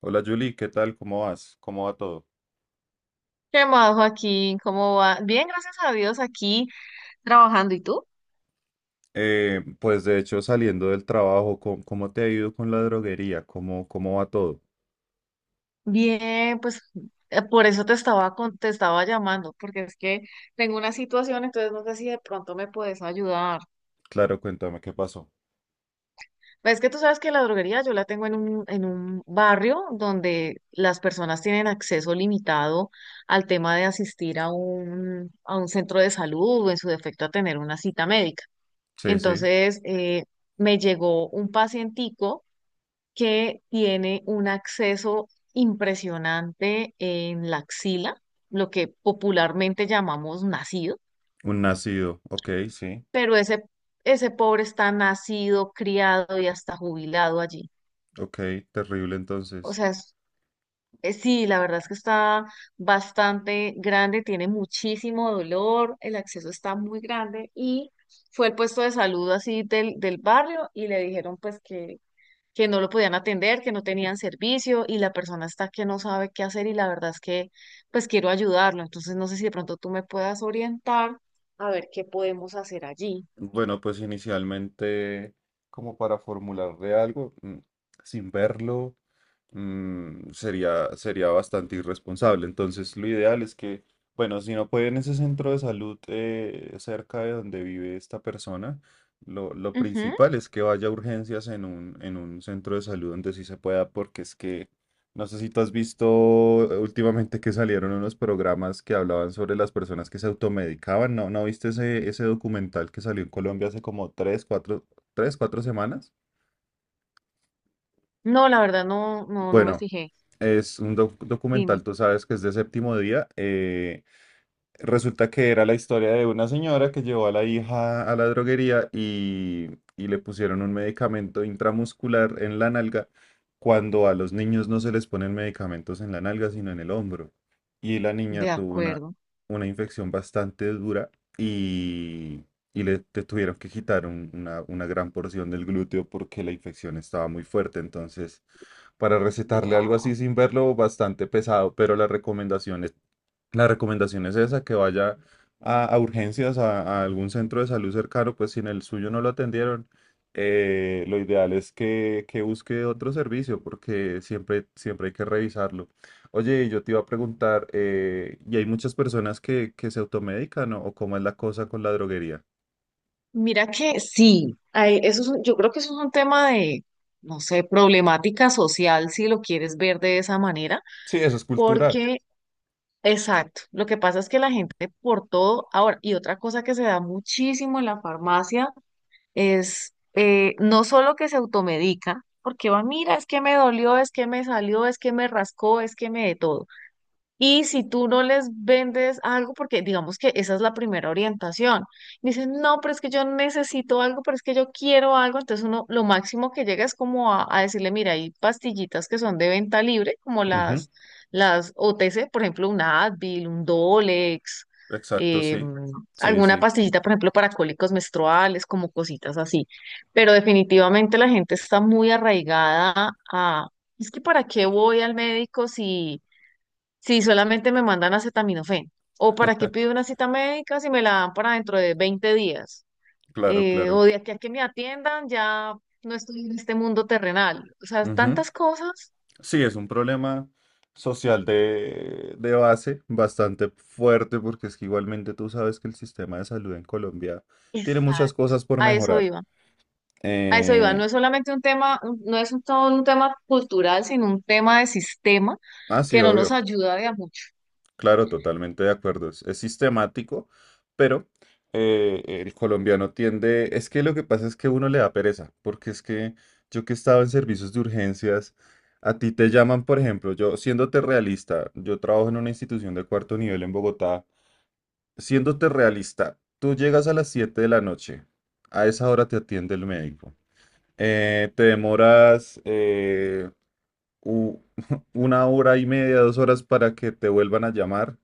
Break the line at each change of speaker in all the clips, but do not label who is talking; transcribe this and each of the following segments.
Hola Julie, ¿qué tal? ¿Cómo vas? ¿Cómo va todo?
¿Qué más, Joaquín? ¿Cómo va? Bien, gracias a Dios, aquí trabajando. ¿Y tú?
Pues de hecho, saliendo del trabajo, ¿cómo te ha ido con la droguería? ¿Cómo va todo?
Bien, pues por eso te estaba te estaba llamando, porque es que tengo una situación, entonces no sé si de pronto me puedes ayudar.
Claro, cuéntame qué pasó.
Ves que tú sabes que la droguería yo la tengo en en un barrio donde las personas tienen acceso limitado al tema de asistir a a un centro de salud o en su defecto a tener una cita médica.
Sí, sí,
Entonces, me llegó un pacientico que tiene un acceso impresionante en la axila, lo que popularmente llamamos nacido,
un nacido. Ok, sí,
pero ese pobre está nacido, criado y hasta jubilado allí.
ok, terrible
O
entonces.
sea, sí, la verdad es que está bastante grande, tiene muchísimo dolor, el acceso está muy grande y fue el puesto de salud así del barrio y le dijeron pues que no lo podían atender, que no tenían servicio y la persona está que no sabe qué hacer y la verdad es que pues quiero ayudarlo. Entonces no sé si de pronto tú me puedas orientar a ver qué podemos hacer allí.
Bueno, pues inicialmente, como para formularle algo, sin verlo. Sería bastante irresponsable. Entonces, lo ideal es que, bueno, si no puede en ese centro de salud, cerca de donde vive esta persona, lo
Ujú.
principal es que vaya a urgencias en un centro de salud donde sí se pueda, porque es que no sé si tú has visto últimamente que salieron unos programas que hablaban sobre las personas que se automedicaban. ¿No, no viste ese documental que salió en Colombia hace como tres, cuatro, tres, cuatro semanas?
No, la verdad no, no, no me
Bueno.
fijé.
Es un documental,
Dime.
tú sabes que es de séptimo día. Resulta que era la historia de una señora que llevó a la hija a la droguería y le pusieron un medicamento intramuscular en la nalga, cuando a los niños no se les ponen medicamentos en la nalga, sino en el hombro. Y la niña
De
tuvo una,
acuerdo.
una infección bastante dura y, y te tuvieron que quitar una gran porción del glúteo porque la infección estaba muy fuerte. Entonces, para recetarle algo
Wow.
así sin verlo, bastante pesado, pero la recomendación es esa, que vaya a urgencias, a algún centro de salud cercano, pues si en el suyo no lo atendieron, lo ideal es que busque otro servicio, porque siempre, siempre hay que revisarlo. Oye, yo te iba a preguntar, ¿y hay muchas personas que se automedican, o cómo es la cosa con la droguería?
Mira que sí, ay, eso es yo creo que eso es un tema de, no sé, problemática social, si lo quieres ver de esa manera,
Sí, eso es cultural.
porque... Exacto. Lo que pasa es que la gente por todo, ahora, y otra cosa que se da muchísimo en la farmacia es no solo que se automedica, porque va, mira, es que me dolió, es que me salió, es que me rascó, es que me de todo. Y si tú no les vendes algo, porque digamos que esa es la primera orientación, dicen, no, pero es que yo necesito algo, pero es que yo quiero algo, entonces uno lo máximo que llega es como a decirle, mira, hay pastillitas que son de venta libre, como
Ujú.
las OTC, por ejemplo, un Advil, un Dolex,
Exacto,
eh,
sí. Sí,
alguna
sí,
pastillita, por ejemplo, para cólicos menstruales, como cositas así. Pero definitivamente la gente está muy arraigada a, es que ¿para qué voy al médico si... si solamente me mandan acetaminofén? ¿O para qué pido una cita médica si me la dan para dentro de 20 días?
claro,
O
claro.
de aquí a que me atiendan, ya no estoy en este mundo terrenal. O sea,
Ujú.
tantas cosas.
Sí, es un problema social de base bastante fuerte, porque es que igualmente tú sabes que el sistema de salud en Colombia tiene muchas
Exacto.
cosas por
A eso
mejorar.
iba. A eso iba. No
Eh,
es solamente un tema, no es todo un tema cultural, sino un tema de sistema
ah, sí,
que no nos
obvio,
ayuda de a mucho.
claro, totalmente de acuerdo. Es sistemático, pero el colombiano tiende, es que lo que pasa es que uno le da pereza, porque es que yo, que estaba en servicios de urgencias, a ti te llaman, por ejemplo. Yo, siéndote realista, yo trabajo en una institución de cuarto nivel en Bogotá. Siéndote realista, tú llegas a las 7 de la noche, a esa hora te atiende el médico. Te demoras u- una hora y media, 2 horas para que te vuelvan a llamar,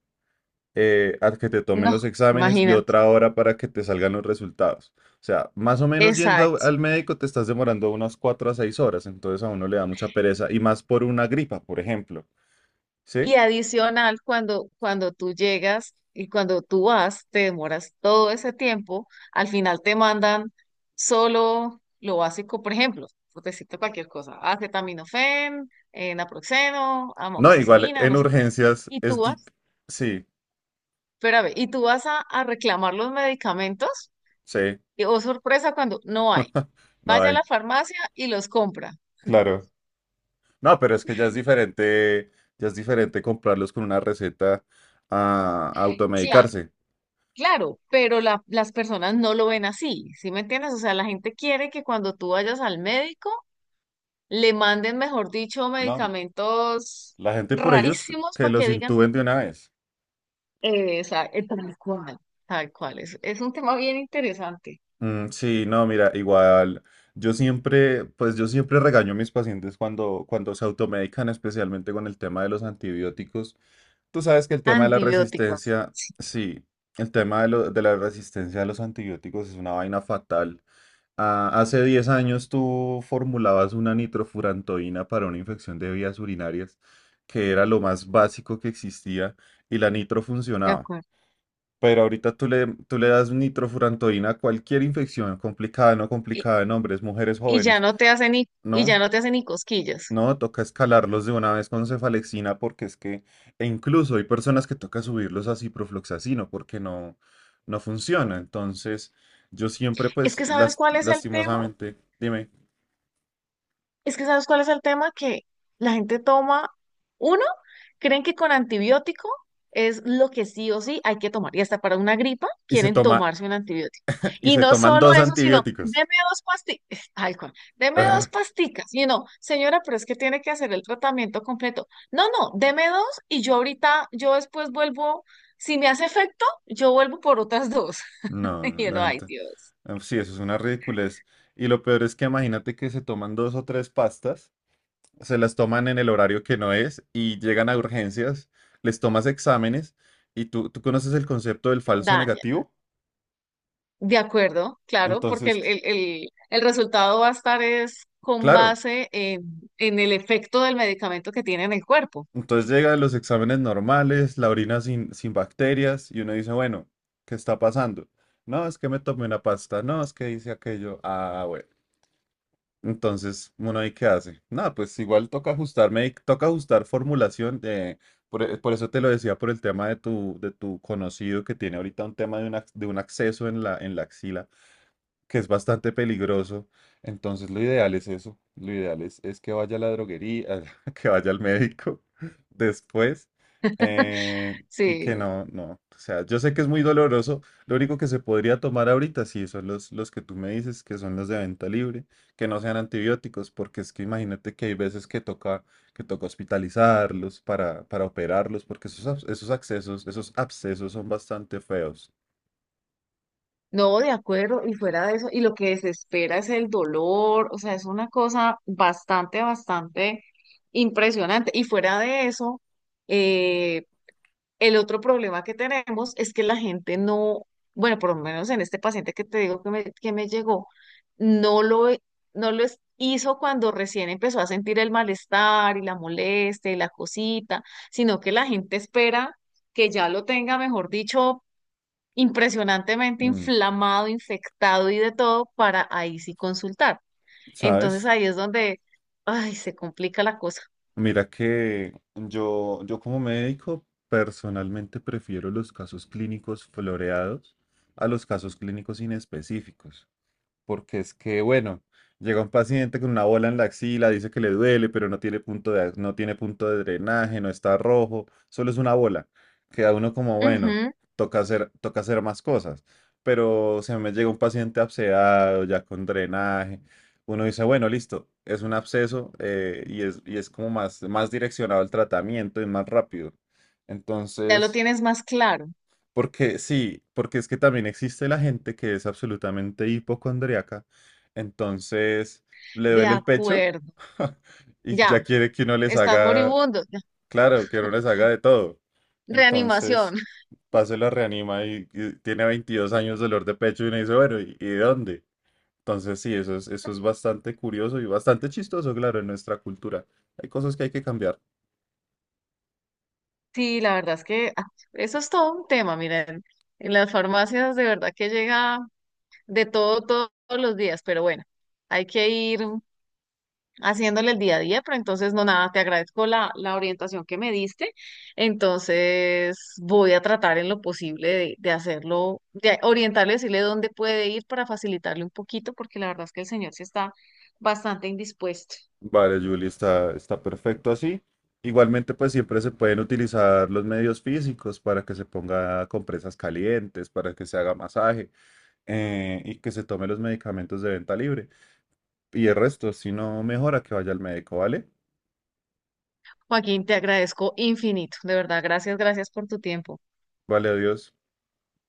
a que te tomen
No,
los exámenes y
imagínate.
otra hora para que te salgan los resultados. O sea, más o menos, yendo
Exacto.
al médico te estás demorando unas 4 a 6 horas, entonces a uno le da mucha pereza, y más por una gripa, por ejemplo. ¿Sí?
Y adicional, cuando tú llegas y cuando tú vas, te demoras todo ese tiempo, al final te mandan solo lo básico, por ejemplo, por decirte cualquier cosa, acetaminofén, naproxeno,
No, igual
amoxicilina,
en
no sé qué,
urgencias
y
es...
tú
di-
vas,
Sí,
espérame, y tú vas a reclamar los medicamentos,
sí,
y oh sorpresa cuando no hay.
no
Vaya a
hay.
la farmacia y los compra.
Claro. No, pero es que ya es diferente comprarlos con una receta a automedicarse.
Claro, pero las personas no lo ven así, ¿sí me entiendes? O sea, la gente quiere que cuando tú vayas al médico le manden, mejor dicho,
No,
medicamentos
la gente por ellos
rarísimos
que
para que
los
digan,
intuben de una vez.
o tal cual, tal cual. Es un tema bien interesante.
Sí, no, mira, igual yo siempre, pues yo siempre regaño a mis pacientes cuando se automedican, especialmente con el tema de los antibióticos. Tú sabes que el tema de la
Antibióticos,
resistencia, sí, el tema de la resistencia a los antibióticos es una vaina fatal. Ah, hace 10 años tú formulabas una nitrofurantoína para una infección de vías urinarias, que era lo más básico que existía, y la nitro
de
funcionaba.
acuerdo.
Pero ahorita tú le das nitrofurantoína a cualquier infección, complicada, no
Y,
complicada, en hombres, mujeres,
y ya
jóvenes.
no te hacen ni, y ya
No,
no te hacen ni cosquillas.
no, toca escalarlos de una vez con cefalexina, porque es que e incluso hay personas que toca subirlos a ciprofloxacino porque no, no funciona. Entonces, yo siempre,
Es
pues,
que ¿sabes cuál es el tema?
lastimosamente, dime.
Es que ¿sabes cuál es el tema? Que la gente toma, uno, creen que con antibiótico es lo que sí o sí hay que tomar. Y hasta para una gripa
y se
quieren
toma,
tomarse un antibiótico.
y
Y
se
no
toman
solo
dos
eso, sino, deme
antibióticos.
dos pastillas, tal cual, deme dos
Ah,
pasticas. Y no, señora, pero es que tiene que hacer el tratamiento completo. No, no, deme dos y yo ahorita, yo después vuelvo, si me hace efecto, yo vuelvo por otras dos.
no,
Y
la
no, ay
gente.
Dios.
Sí, eso es una ridiculez. Y lo peor es que imagínate que se toman dos o tres pastas, se las toman en el horario que no es y llegan a urgencias, les tomas exámenes y tú conoces el concepto del falso negativo.
De acuerdo, claro, porque
Entonces,
el resultado va a estar es con
claro,
base en el efecto del medicamento que tiene en el cuerpo.
entonces llegan los exámenes normales, la orina sin bacterias, y uno dice, bueno, ¿qué está pasando? No, es que me tomé una pasta, no, es que hice aquello. Ah, bueno. Entonces, uno ahí qué hace. Nada, pues igual toca ajustar formulación. Por eso te lo decía, por el tema de tu, conocido, que tiene ahorita un tema de un acceso en la axila, que es bastante peligroso. Entonces, lo ideal es eso. Lo ideal es que vaya a la droguería, que vaya al médico después, y que
Sí,
no, no. O sea, yo sé que es muy doloroso. Lo único que se podría tomar ahorita, sí, son los que tú me dices, que son los de venta libre, que no sean antibióticos, porque es que imagínate que hay veces que toca, hospitalizarlos, para operarlos, porque esos abscesos son bastante feos.
no, de acuerdo, y fuera de eso, y lo que desespera es el dolor, o sea, es una cosa bastante, bastante impresionante. Y fuera de eso, eh, el otro problema que tenemos es que la gente no, bueno, por lo menos en este paciente que te digo que me llegó, no lo, e, no lo hizo cuando recién empezó a sentir el malestar y la molestia y la cosita, sino que la gente espera que ya lo tenga, mejor dicho, impresionantemente
Mm.
inflamado, infectado y de todo para ahí sí consultar. Entonces
¿Sabes?
ahí es donde, ay, se complica la cosa.
Mira que yo como médico personalmente prefiero los casos clínicos floreados a los casos clínicos inespecíficos. Porque es que, bueno, llega un paciente con una bola en la axila, dice que le duele, pero no tiene punto de drenaje, no está rojo, solo es una bola. Queda uno como, bueno,
Ujú.
toca hacer más cosas. Pero se me llega un paciente abscedado, ya con drenaje. Uno dice, bueno, listo, es un absceso, y es como más, más direccionado el tratamiento y más rápido.
Ya lo
Entonces,
tienes más claro.
porque sí, porque es que también existe la gente que es absolutamente hipocondriaca. Entonces, le
De
duele el pecho
acuerdo.
y
Ya.
ya quiere que uno les
Están
haga,
moribundos. Ya.
claro, que uno les haga de todo.
Reanimación.
Entonces, pase la reanima y tiene 22 años de dolor de pecho y uno dice, bueno, ¿y de dónde? Entonces, sí, eso es bastante curioso y bastante chistoso, claro, en nuestra cultura. Hay cosas que hay que cambiar.
Sí, la verdad es que ah, eso es todo un tema, miren. En las farmacias de verdad que llega de todo, todos los días, pero bueno, hay que ir haciéndole el día a día, pero entonces no nada, te agradezco la orientación que me diste. Entonces voy a tratar en lo posible de hacerlo, de orientarle, decirle dónde puede ir para facilitarle un poquito, porque la verdad es que el señor sí está bastante indispuesto.
Vale, Julie, está perfecto así. Igualmente, pues siempre se pueden utilizar los medios físicos para que se ponga compresas calientes, para que se haga masaje, y que se tome los medicamentos de venta libre. Y el resto, si no mejora, que vaya al médico, ¿vale?
Joaquín, te agradezco infinito, de verdad, gracias, gracias por tu tiempo.
Vale, adiós.